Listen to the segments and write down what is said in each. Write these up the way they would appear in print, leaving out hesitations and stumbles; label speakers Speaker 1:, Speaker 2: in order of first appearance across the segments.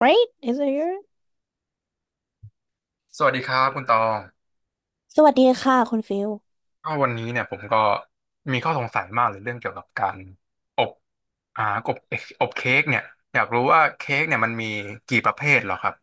Speaker 1: Right? Is it here
Speaker 2: สวัสดีครับคุณตอง
Speaker 1: สวัสดีค่ะคุณฟิล
Speaker 2: ก็วันนี้เนี่ยผมก็มีข้อสงสัยมากเลยเรื่องเกี่ยวกับการอบอ่าอบอบเค้กเนี่ยอยากรู้ว่าเค้กเนี่ยมันมีกี่ประเภทเหรอครับ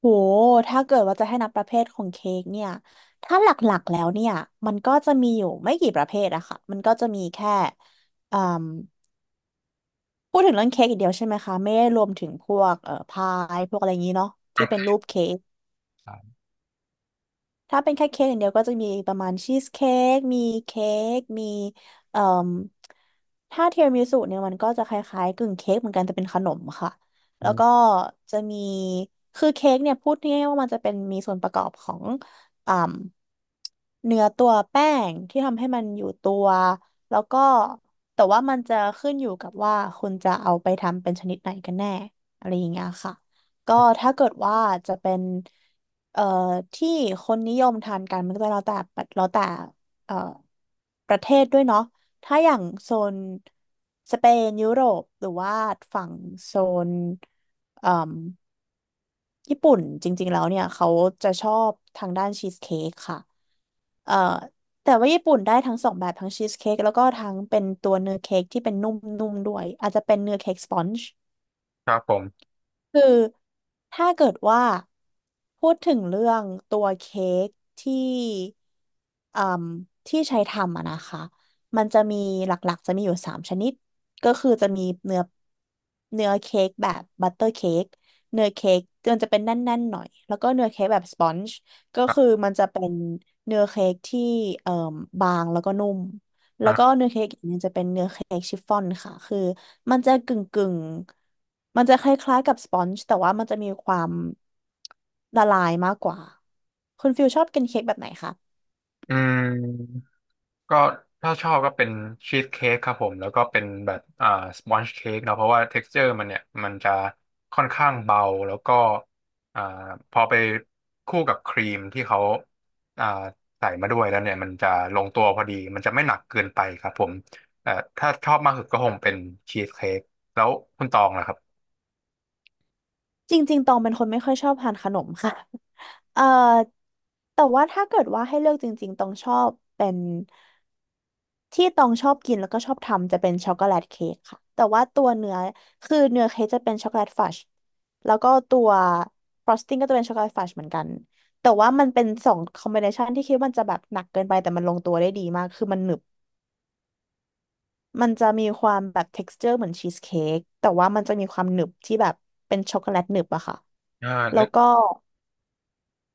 Speaker 1: โหถ้าเกิดว่าจะให้นับประเภทของเค้กเนี่ย ถ้าหลักๆแล้วเนี่ย มันก็จะมีอยู่ไม่กี่ประเภทอะค่ะมันก็จะมีแค่อืมพูดถึงเรื่องเค้กอีกเดียวใช่ไหมคะ ไม่ได้รวมถึงพวกพายพวกอะไรอย่างนี้เนาะที่
Speaker 2: ค
Speaker 1: เป็นรูปเค้ก
Speaker 2: รับ
Speaker 1: ถ้าเป็นแค่เค้กอย่างเดียวก็จะมีประมาณชีสเค้กมีเค้กมีเอ่มถ้าเทียรามิสุเนี่ยมันก็จะคล้ายๆกึ่งเค้กเหมือนกันแต่เป็นขนมค่ะแล้วก็จะมีคือเค้กเนี่ยพูดง่ายๆว่ามันจะเป็นมีส่วนประกอบของอ่มเนื้อตัวแป้งที่ทำให้มันอยู่ตัวแล้วก็แต่ว่ามันจะขึ้นอยู่กับว่าคุณจะเอาไปทำเป็นชนิดไหนกันแน่อะไรอย่างเงี้ยค่ะก็ถ้าเกิดว่าจะเป็น เอ่อที่คนนิยมทานกันมันก็จะแล้วแต่แล้วแต่เอ่อประเทศด้วยเนาะถ้าอย่างโซนสเปนยุโรปหรือว่าฝั่งโซนเอ่มญี่ปุ่นจริงๆแล้วเนี่ยเขาจะชอบทางด้านชีสเค้กค่ะเอ่อแต่ว่าญี่ปุ่นได้ทั้งสองแบบทั้งชีสเค้กแล้วก็ทั้งเป็นตัวเนื้อเค้กที่เป็นนุ่มๆด้วยอาจจะเป็นเนื้อเค้กสปอนจ์
Speaker 2: ครับผม
Speaker 1: คือถ้าเกิดว่าพูดถึงเรื่องตัวเค้กที่อืมที่ใช้ทำอะนะคะมันจะมีหลักๆจะมีอยู่สามชนิดก็คือจะมีเนื้อเนื้อเค้กแบบบัตเตอร์เค้กเนื้อเค้กมันจะเป็นแน่นๆหน่อยแล้วก็เนื้อเค้กแบบสปอนจ์ก็
Speaker 2: ครั
Speaker 1: คือ
Speaker 2: บ
Speaker 1: มันจะเป็นเนื้อเค้กที่เอ่มบางแล้วก็นุ่ม แล้ว
Speaker 2: อ่ะ
Speaker 1: ก็เนื้อเค้กอีกเนี่ยจะเป็นเนื้อเค้กชิฟฟ่อนค่ะคือมันจะกึ่งกึ่งมันจะคล้ายๆกับสปอนจ์แต่ว่ามันจะมีความละลายมากกว่าคุณฟิลชอบกินเค้กแบบไหนคะ
Speaker 2: อืม ก็ถ้าชอบก็เป็นชีสเค้กครับผมแล้วก็เป็นแบบสปอนจ์เค้กเนาะเพราะว่าเท็กซ์เจอร์มันเนี่ยมันจะค่อนข้างเบาแล้วก็อ่าพอไปคู่กับครีมที่เขาอ่าใส่มาด้วยแล้วเนี่ยมันจะลงตัวพอดีมันจะไม่หนักเกินไปครับผมถ้าชอบมากสุดก็คงเป็นชีสเค้กแล้วคุณตองล่ะครับ
Speaker 1: จริงๆตองเป็นคนไม่ค่อยชอบทานขนมค่ะ เอ่อแต่ว่าถ้าเกิดว่าให้เลือกจริงๆต้องชอบเป็น ที่ตองชอบกินแล้วก็ชอบทำจะเป็นช็อกโกแลตเค้กค่ะแต่ว่าตัวเนื้อคือเนื้อเค้กจะเป็นช็อกโกแลตฟัชแล้วก็ตัวฟรอสติ้งก็จะเป็นช็อกโกแลตฟัชเหมือนกันแต่ว่ามันเป็นสองคอมบิเนชันที่คิดว่ามันจะแบบหนักเกินไปแต่มันลงตัวได้ดีมากคือมันหนึบมันจะมีความแบบ texture เหมือนชีสเค้กแต่ว่ามันจะมีความหนึบที่แบบเป็นช็อกโกแลตหนึบอะค่ะ
Speaker 2: อ่า
Speaker 1: แล้
Speaker 2: นึ
Speaker 1: ว
Speaker 2: ก
Speaker 1: ก็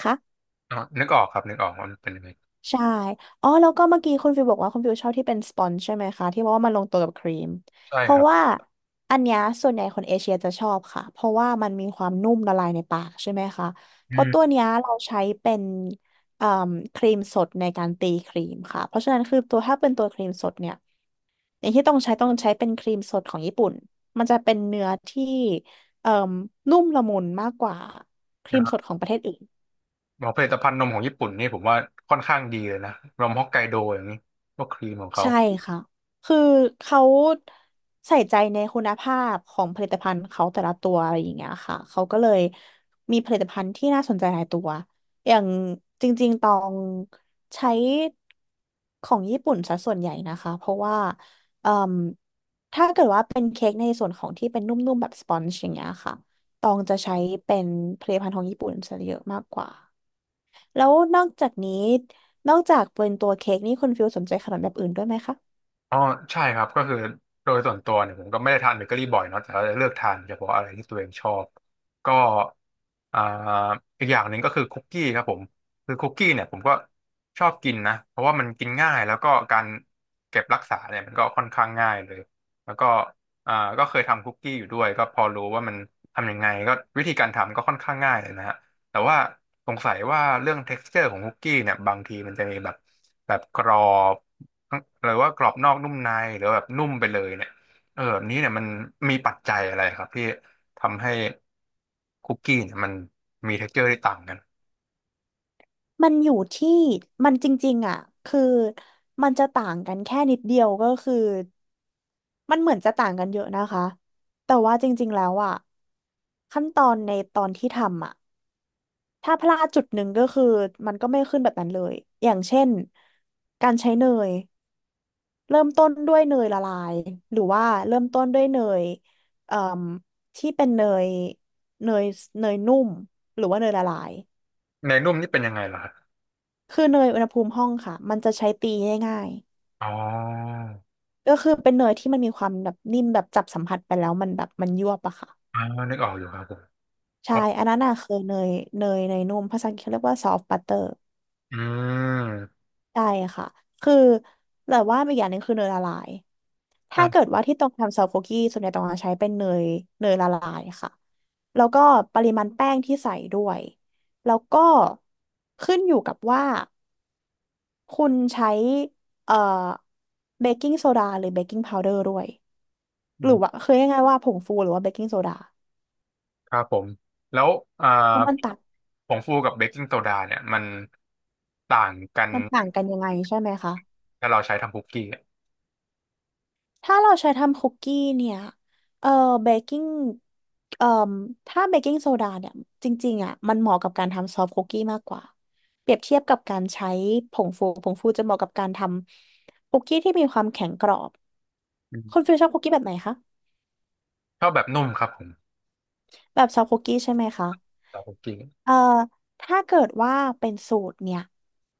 Speaker 1: ค่ะ
Speaker 2: อ๋อนึกออกครับนึกออกว่ามันเป็นยังไง
Speaker 1: ใช่อ๋อแล้วก็เมื่อกี้คุณฟิวบอกว่าคุณฟิวชอบที่เป็นสปอนจ์ใช่ไหมคะที่ว่ามันลงตัวกับครีม
Speaker 2: ใช่
Speaker 1: เพ
Speaker 2: ค
Speaker 1: ราะ
Speaker 2: รับ
Speaker 1: ว่าอันเนี้ยส่วนใหญ่คนเอเชียจะชอบค่ะเพราะว่ามันมีความนุ่มละลายในปากใช่ไหมคะ
Speaker 2: อื
Speaker 1: เพราะ
Speaker 2: ม
Speaker 1: ตัวเนี้ยเราใช้เป็นเอ่มครีมสดในการตีครีมค่ะเพราะฉะนั้นคือตัวถ้าเป็นตัวครีมสดเนี่ยอย่างที่ต้องใช้ต้องใช้เป็นครีมสดของญี่ปุ่นมันจะเป็นเนื้อที่เอ่มนุ่มละมุนมากกว่าครีมสดของประเทศอื่น
Speaker 2: ของผลิตภัณฑ์นมของญี่ปุ่นนี่ผมว่าค่อนข้างดีเลยนะนมฮอกไกโดอย่างนี้พวกครีมของเขา
Speaker 1: ใช่ค่ะ คือเขาใส่ใจในคุณภาพของผลิตภัณฑ์เขาแต่ละตัวอะไรอย่างเงี้ยค่ะ เขาก็เลยมีผลิตภัณฑ์ที่น่าสนใจหลายตัว อย่างจริงๆตองใช้ของญี่ปุ่นซะส่วนใหญ่นะคะ เพราะว่าเอ่มถ้าเกิดว่าเป็นเค้กในส่วนของที่เป็นนุ่มๆแบบสปอนจ์อย่างเงี้ยค่ะตองจะใช้เป็นผลิตภัณฑ์ของญี่ปุ่นซะเยอะมากกว่า แล้วนอกจากนี้นอกจากเป็นตัวเค้กนี่คุณฟิลสนใจขนมแบบอื่นด้วยไหมคะ
Speaker 2: อ๋อใช่ครับก็คือโดยส่วนตัวเนี่ยผมก็ไม่ได้ทานเบเกอรี่บ่อยเนาะแต่ก็จะเลือกทานเฉพาะอะไรที่ตัวเองชอบก็อ่าอีกอย่างหนึ่งก็คือคุกกี้ครับผมคือคุกกี้เนี่ยผมก็ชอบกินนะเพราะว่ามันกินง่ายแล้วก็การเก็บรักษาเนี่ยมันก็ค่อนข้างง่ายเลยแล้วก็ก็เคยทำคุกกี้อยู่ด้วยก็พอรู้ว่ามันทำยังไงก็วิธีการทำก็ค่อนข้างง่ายเลยนะฮะแต่ว่าสงสัยว่าเรื่อง texture ของคุกกี้เนี่ยบางทีมันจะมีแบบกรอบ หรือว่ากรอบนอกนุ่มในหรือแบบนุ่มไปเลยเนี่ยเออแบบนี้เนี่ยมันมีปัจจัยอะไรครับที่ทำให้คุกกี้เนี่ยมันมี texture ที่ต่างกัน
Speaker 1: มันอยู่ที่มันจริงๆอ่ะคือมันจะต่างกันแค่นิดเดียวก็คือมันเหมือนจะต่างกันเยอะนะคะแต่ว่าจริงๆแล้วอ่ะขั้นตอนในตอนที่ทำอ่ะถ้าพลาดจุดหนึ่งก็คือมันก็ไม่ขึ้นแบบนั้นเลยอย่างเช่นการใช้เนยเริ่มต้นด้วยเนยละลายหรือว่าเริ่มต้นด้วยเนยเอ่มที่เป็นเนยเนยเนยนุ่มหรือว่าเนยละลาย
Speaker 2: เนยนุ่มนี่เป็นยังไงเหรอครับ
Speaker 1: คือเนยอุณหภูมิห้องค่ะมันจะใช้ตีง่าย
Speaker 2: อ๋อ
Speaker 1: ก็คือเป็นเนยที่มันมีความแบบนิ่มแบบจับสัมผัสไปแล้วมันแบบมันยวบอะค่ะ
Speaker 2: อ่านึกออกอยู่ครับผม
Speaker 1: ใช่
Speaker 2: อ๋อ
Speaker 1: อันนั้นน่ะคือเนยเนยนุ่มภาษาอังกฤษเขาเรียกว่าซอฟต์บัตเตอร์
Speaker 2: อืม
Speaker 1: ใช่ค่ะคือแต่ว่าอีกอย่างหนึ่งคือเนยละลายถ้าเกิด
Speaker 2: อ่ะ
Speaker 1: ว่าที่ต้องทำซอฟต์คุกกี้ส่วนใหญ่ต้องใช้เป็นเนยเนยละลายค่ะแล้วก็ปริมาณแป้งที่ใส่ด้วยแล้วก็ขึ้นอยู่กับว่าคุณใช้เอ่อเบกกิ้งโซดาหรือเบกกิ้งพาวเดอร์ด้วยหรือว่าคือยังไงว่าผงฟูหรือว่าเบกกิ้งโซดา
Speaker 2: ครับผมแล้วอ่า
Speaker 1: เพราะ
Speaker 2: ผงฟูกับเบกกิ้งโซดาเนี่ยมันต่างกัน
Speaker 1: มันต่างกันยังไงใช่ไหมคะ
Speaker 2: ถ้าเราใช้ทำคุกกี้อะ
Speaker 1: ถ้าเราใช้ทำคุกกี้เนี่ยเอ่อเบกกิ้งเอ่อถ้าเบกกิ้งโซดาเนี่ยจริงๆอ่ะมันเหมาะกับการทำซอฟต์คุกกี้มากกว่าเปรียบเทียบกับการใช้ผงฟูผงฟูจะเหมาะกับการทำคุกกี้ที่มีความแข็งกรอบ
Speaker 2: อื
Speaker 1: คุณ
Speaker 2: ม
Speaker 1: ฟิลชอบคุกกี้แบบไหนคะ
Speaker 2: ชอบแบบนุ่มครับผม
Speaker 1: แบบซอฟต์คุกกี้ใช่ไหมคะ
Speaker 2: แต่คุกกี้
Speaker 1: เอ่อถ้าเกิดว่าเป็นสูตรเนี่ย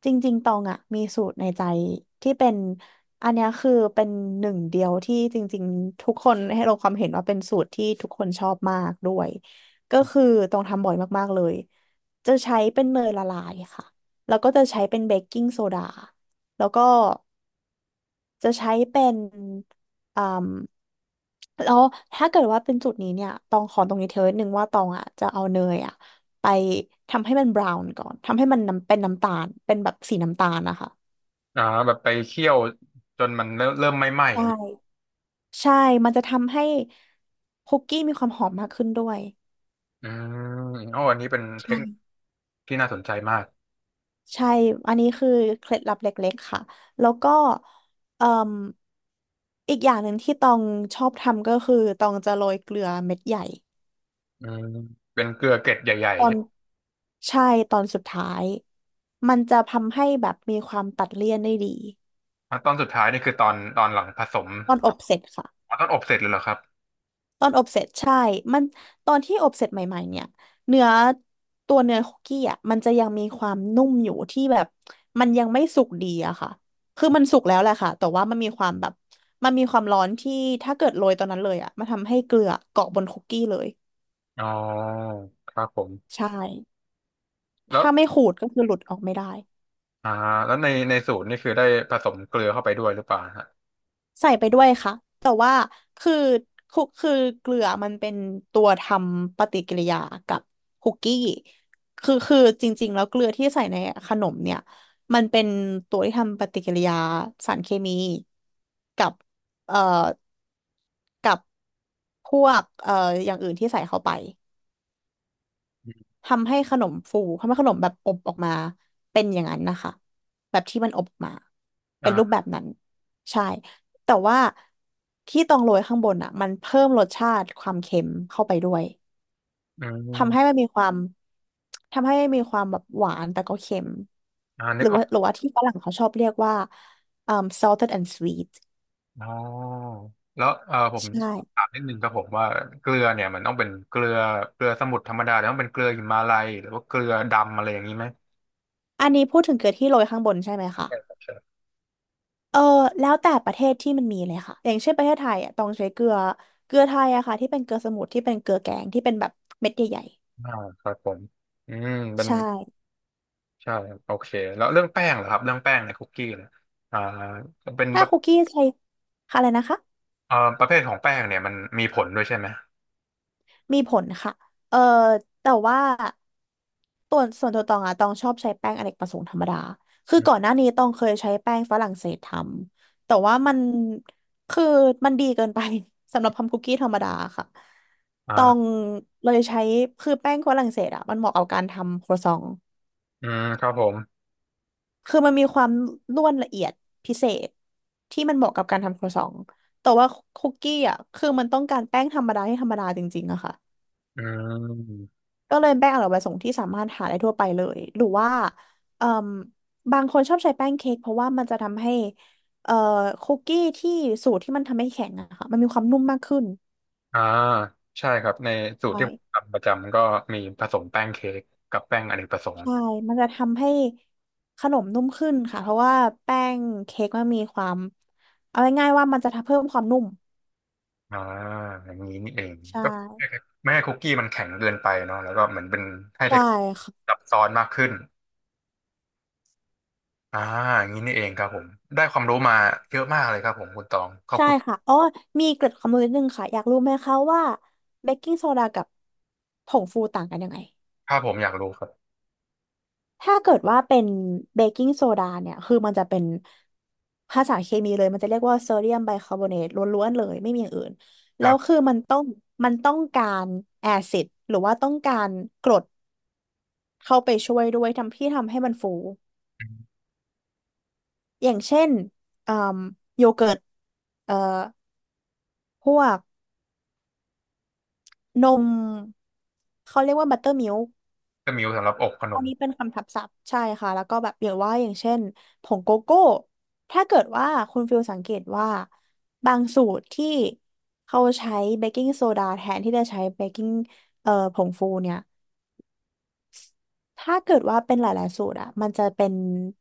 Speaker 1: จริงๆตองอ่ะมีสูตรในใจที่เป็นอันเนี้ยคือเป็นหนึ่งเดียวที่จริงๆทุกคนให้เราความเห็นว่าเป็นสูตรที่ทุกคนชอบมากด้วย ก็คือตองทำบ่อยมากๆเลย จะใช้เป็นเนยละลายค่ะ แล้วก็จะใช้เป็นเบกกิ้งโซดาแล้วก็ จะใช้เป็นอ่มแล้วถ้าเกิดว่าเป็นจุดนี้เนี่ย ตองขอตรงนี้เธอหนึ่งว่าตองอ่ะจะเอาเนยอ่ะไปทำให้มันบราวน์ก่อน ทำให้มันน้ำเป็นน้ำตาล เป็นแบบสีน้ำตาลนะคะ
Speaker 2: อ่าแบบไปเคี่ยวจนมันเริ่มไหม้
Speaker 1: ใช่
Speaker 2: ๆ
Speaker 1: ใช่ มันจะทำให้คุกกี้มีความหอมมากขึ้นด้วย
Speaker 2: อืมโอ้อันนี้เป็นเทคนิค
Speaker 1: ใช่
Speaker 2: ที่น่าสนใจมาก
Speaker 1: ใช่ อันนี้คือเคล็ดลับเล็กๆค่ะ แล้วก็เอ่มอีกอย่างหนึ่งที่ตองชอบทำก็คือตองจะโรยเกลือเม็ดใหญ่
Speaker 2: อืมเป็นเกลือเกล็ดใหญ่
Speaker 1: ตอ
Speaker 2: ๆใช่
Speaker 1: น
Speaker 2: ไหม
Speaker 1: ใช่ตอนสุดท้ายมันจะทำให้แบบมีความตัดเลี่ยนได้ดี
Speaker 2: อ่ะตอนสุดท้ายนี่คือตอนหลังผสม
Speaker 1: ตอนอบเสร็จค่ะ
Speaker 2: อ๋อตอนอบเสร็จเลยเหรอครับ
Speaker 1: ตอนอบเสร็จใช่มันตอนที่อบเสร็จใหม่ๆเนี่ยเนื้อตัวเนื้อคุกกี้อ่ะมันจะยังมีความนุ่มอยู่ที่แบบมันยังไม่สุกดีอะค่ะคือมันสุกแล้วแหละค่ะแต่ว่ามันมีความแบบมันมีความร้อนที่ถ้าเกิดโรยตอนนั้นเลยอ่ะมันทำให้เกลือเกาะบนคุกกี้เลย
Speaker 2: อ๋อครับผม
Speaker 1: ใช่
Speaker 2: แล้ว
Speaker 1: ถ้าไม่ขูดก็คือหลุดออกไม่ได้
Speaker 2: อ่าในสูตรนี่คือได้ผสมเกลือเข้าไปด้วยหรือเปล่าฮะ
Speaker 1: ใส่ไปด้วยค่ะแต่ว่าคือคุกคือเกลือมันเป็นตัวทำปฏิกิริยากับคุกกี้คือจริงๆแล้วเกลือที่ใส่ในขนมเนี่ยมันเป็นตัวที่ทำปฏิกิริยาสารเคมีกับเอ่อกับพวกอย่างอื่นที่ใส่เข้าไป ทำให้ขนมฟู ทำให้ขนมแบบอบออกมาเป็นอย่างนั้นนะคะแบบที่มันอบออกมาเป็นรูปแบ
Speaker 2: อ่า
Speaker 1: บนั้นใช่ แต่ว่าที่ตองโรยข้างบนอ่ะมันเพิ่มรสชาติความเค็มเข้าไปด้วย
Speaker 2: อืม
Speaker 1: ทำให้มันมีความทำให้มีความแบบหวานแต่ก็เค็ม
Speaker 2: นึกออก
Speaker 1: หรือว่าที่ฝรั่งเขาชอบเรียกว่าเอ่อ salted and sweet
Speaker 2: อ๋อแล้วเออผม
Speaker 1: ใช่
Speaker 2: ถามนิดนึงครับผมว่าเกลือเนี่ยมันต้องเป็นเกลือสมุทรธรรมดาหรือต้องเป็นเกลือหิมาลัยหรือว่าเกลือดำอะไรอย่างนี้ไหม
Speaker 1: อันนี้พูดถึงเกลือที่โรยข้างบนใช่ไหมคะ
Speaker 2: ใช่ครับใช่
Speaker 1: เออแล้วแต่ประเทศที่มันมีเลยค่ะอย่างเช่นประเทศไทยอ่ะต้องใช้เกลือเกลือไทยอะค่ะที่เป็นเกลือสมุทรที่เป็นเกลือแกงที่เป็นแบบเม็ดใหญ่
Speaker 2: อ่าครับผมอืมเป็
Speaker 1: ๆ
Speaker 2: น
Speaker 1: ใช่
Speaker 2: ใช่ครับโอเคแล้วเรื่องแป้งเหรอครับเรื่องแป้งในคุกกี้เนี่ยอ่าเป็น
Speaker 1: ถ้าคุกกี้ใช้ค่ะอะไรนะคะ
Speaker 2: ประเภทของแป้งเนี่ยมันมีผลด้วยใช่ไหม
Speaker 1: มีผลค่ะเออแต่ว่าตัวส่วนตัวตองอะตองชอบใช้แป้งอเนกประสงค์ธรรมดาคือก่อนหน้านี้ตองเคยใช้แป้งฝรั่งเศสทำแต่ว่ามันคือมันดีเกินไป สำหรับทำคุกกี้ธรรมดาค่ะ
Speaker 2: อ่
Speaker 1: ตอง
Speaker 2: า
Speaker 1: เลยใช้คือแป้งฝรั่งเศสอะมันเหมาะกับการทำครัวซอง
Speaker 2: อืมครับผม
Speaker 1: คือมันมีความร่วนละเอียดพิเศษที่มันเหมาะกับการทำครัวซองแต่ว่าคุกกี้อ่ะคือมันต้องการแป้งธรรมดาให้ธรรมดาจริงๆอะค่ะ
Speaker 2: อืม
Speaker 1: ก็เลยแป้งอร่อยประสงค์ที่สามารถหาได้ทั่วไปเลยหรือว่าเอ่มบางคนชอบใช้แป้งเค้กเพราะว่ามันจะทำให้เอ่อคุกกี้ที่สูตรที่มันทำให้แข็งอะค่ะมันมีความนุ่มมากขึ้น
Speaker 2: อ่าใช่ครับในสูตร
Speaker 1: ใช่
Speaker 2: ที่ผมทำประจำก็มีผสมแป้งเค้กกับแป้งอเนกประสงค์
Speaker 1: ใช่มันจะทำให้ขนมนุ่มขึ้นค่ะเพราะว่าแป้งเค้กมันมีความเอาง่ายๆว่ามันจะทำเพิ่มความนุ่ม
Speaker 2: อ่าอย่างนี้นี่เอง
Speaker 1: ใช่
Speaker 2: ก็ไม่ให้คุกกี้มันแข็งเกินไปเนาะแล้วก็เหมือนเป็นให้เท
Speaker 1: ใช่
Speaker 2: ค
Speaker 1: ค่ะ
Speaker 2: ซับซ้อนมากขึ้นอ่าอย่างนี้นี่เองครับผมได้ความรู้มาเยอะมากเลยครับผมคุณตองขอบ
Speaker 1: ใช่
Speaker 2: คุณ
Speaker 1: ค่ะอ๋อมีเกร็ดความรู้นิดนึงค่ะอยากรู้ไหมคะว่าเบกกิ้งโซดากับผงฟูต่างกันยังไง
Speaker 2: ถ้าผมอยากรู้ครับ
Speaker 1: ถ้าเกิดว่าเป็นเบกกิ้งโซดาเนี่ยคือมันจะเป็นภาษาเคมีเลยมันจะเรียกว่าโซเดียมไบคาร์บอเนตล้วนๆเลยไม่มีอย่างอื่น
Speaker 2: ค
Speaker 1: แล้
Speaker 2: รั
Speaker 1: วคือ
Speaker 2: บ
Speaker 1: มันต้องการแอซิดหรือว่าต้องการกรดเข้าไปช่วยด้วยทำที่ทำให้มันฟูอย่างเช่นเอ่มโยเกิร์ตเอ่อพวก นมเขาเรียกว่าบัตเตอร์มิลค์
Speaker 2: ก็มิวสำหรับอกขน
Speaker 1: อัน
Speaker 2: ม
Speaker 1: นี้เป็นคำทับศัพท์ใช่ค่ะแล้วก็แบบอย่างว่าอย่างเช่นผงโกโก้ถ้าเกิดว่าคุณฟิลสังเกตว่าบางสูตรที่เขาใช้เบกกิ้งโซดาแทนที่จะใช้เบกกิ้งผงฟูเนี่ยถ้าเกิดว่าเป็นหลายๆสูตรอะมันจะเป็น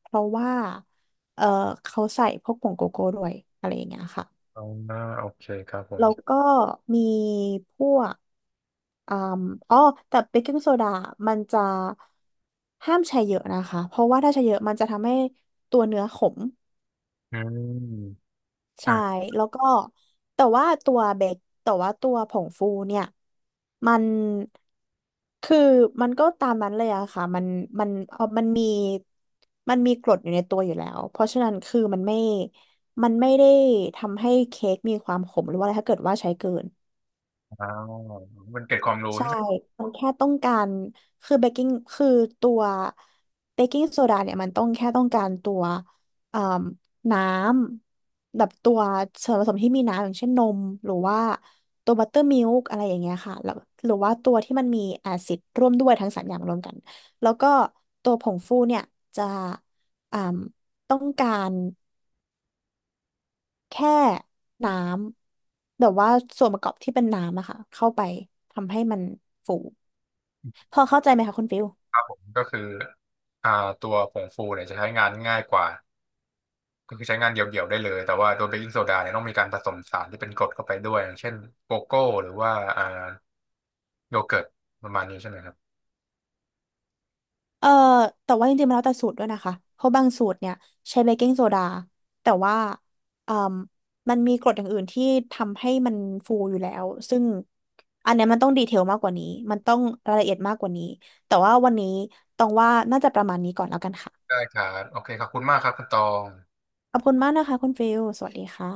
Speaker 1: เพราะว่าเอ่อเขาใส่พวกผงโกโก้ด้วยอะไรอย่างเงี้ยค่ะ
Speaker 2: อ๋อโอเคครับผ
Speaker 1: แล้ว
Speaker 2: ม
Speaker 1: ก็มีพวกอ่มอ๋อแต่เบกกิ้งโซดามันจะห้ามใช้เยอะนะคะเพราะว่าถ้าใช้เยอะมันจะทำให้ตัวเนื้อขม
Speaker 2: อืม
Speaker 1: ใช่
Speaker 2: อ่า
Speaker 1: แล้วก็แต่ว่าตัวเบกแต่ว่าตัวผงฟูเนี่ยมันคือมันก็ตามนั้นเลยอะค่ะมันเอามันมีมันมีกรดอยู่ในตัวอยู่แล้วเพราะฉะนั้นคือมันไม่ได้ทำให้เค้กมีความขมหรือว่าอะไรถ้าเกิดว่าใช้เกิน
Speaker 2: มันเกร็ดความรู้
Speaker 1: ใช่
Speaker 2: ที่นะ
Speaker 1: มันแค่ต้องการ คือเบกกิ้งคือตัวเบกกิ้งโซดาเนี่ยมันต้องแค่ต้องการตัวเอ่มน้ำแบบตัวส่วนผสมที่มีน้ำอย่างเช่นนมหรือว่าตัวบัตเตอร์มิลค์อะไรอย่างเงี้ยค่ะแล้วหรือว่าตัวที่มันมีแอซิดร่วมด้วยทั้งสามอย่างรวมกัน แล้วก็ตัวผงฟูเนี่ยจะเอ่มต้องการ แค่น้ำแบบว่าส่วนประกอบที่เป็นน้ำอะค่ะเข้าไปทำให้มันฟูพอเข้าใจไหมคะคุณฟิล
Speaker 2: ผมก็คืออ่าตัวผงฟูเนี่ยจะใช้งานง่ายกว่า ก็คือใช้งานเดี่ยวๆได้เลย แต่ว่าตัวเบกกิ้งโซดาเนี่ยต้องมีการผสมสารที่เป็นกรดเข้าไปด้วยอย่างเช่นโกโก้หรือว่าอ่าโยเกิร์ตประมาณนี้ใช่ไหมครับ
Speaker 1: เอ่อแต่ว่าจริงๆมันแล้วแต่สูตรด้วยนะคะเพราะบางสูตรเนี่ยใช้เบกกิ้งโซดาแต่ว่าเอ่มมันมีกรดอย่างอื่นที่ทำให้มันฟูอยู่แล้วซึ่งอันเนี้ยมันต้องดีเทลมากกว่านี้มันต้องรายละเอียดมากกว่านี้แต่ว่าวันนี้ต้องว่าน่าจะประมาณนี้ก่อนแล้วกันค่ะ
Speaker 2: ได้ครับโอเคขอบคุณมากครับคุณตอง
Speaker 1: ขอบคุณมากนะคะคุณฟิลสวัสดีค่ะ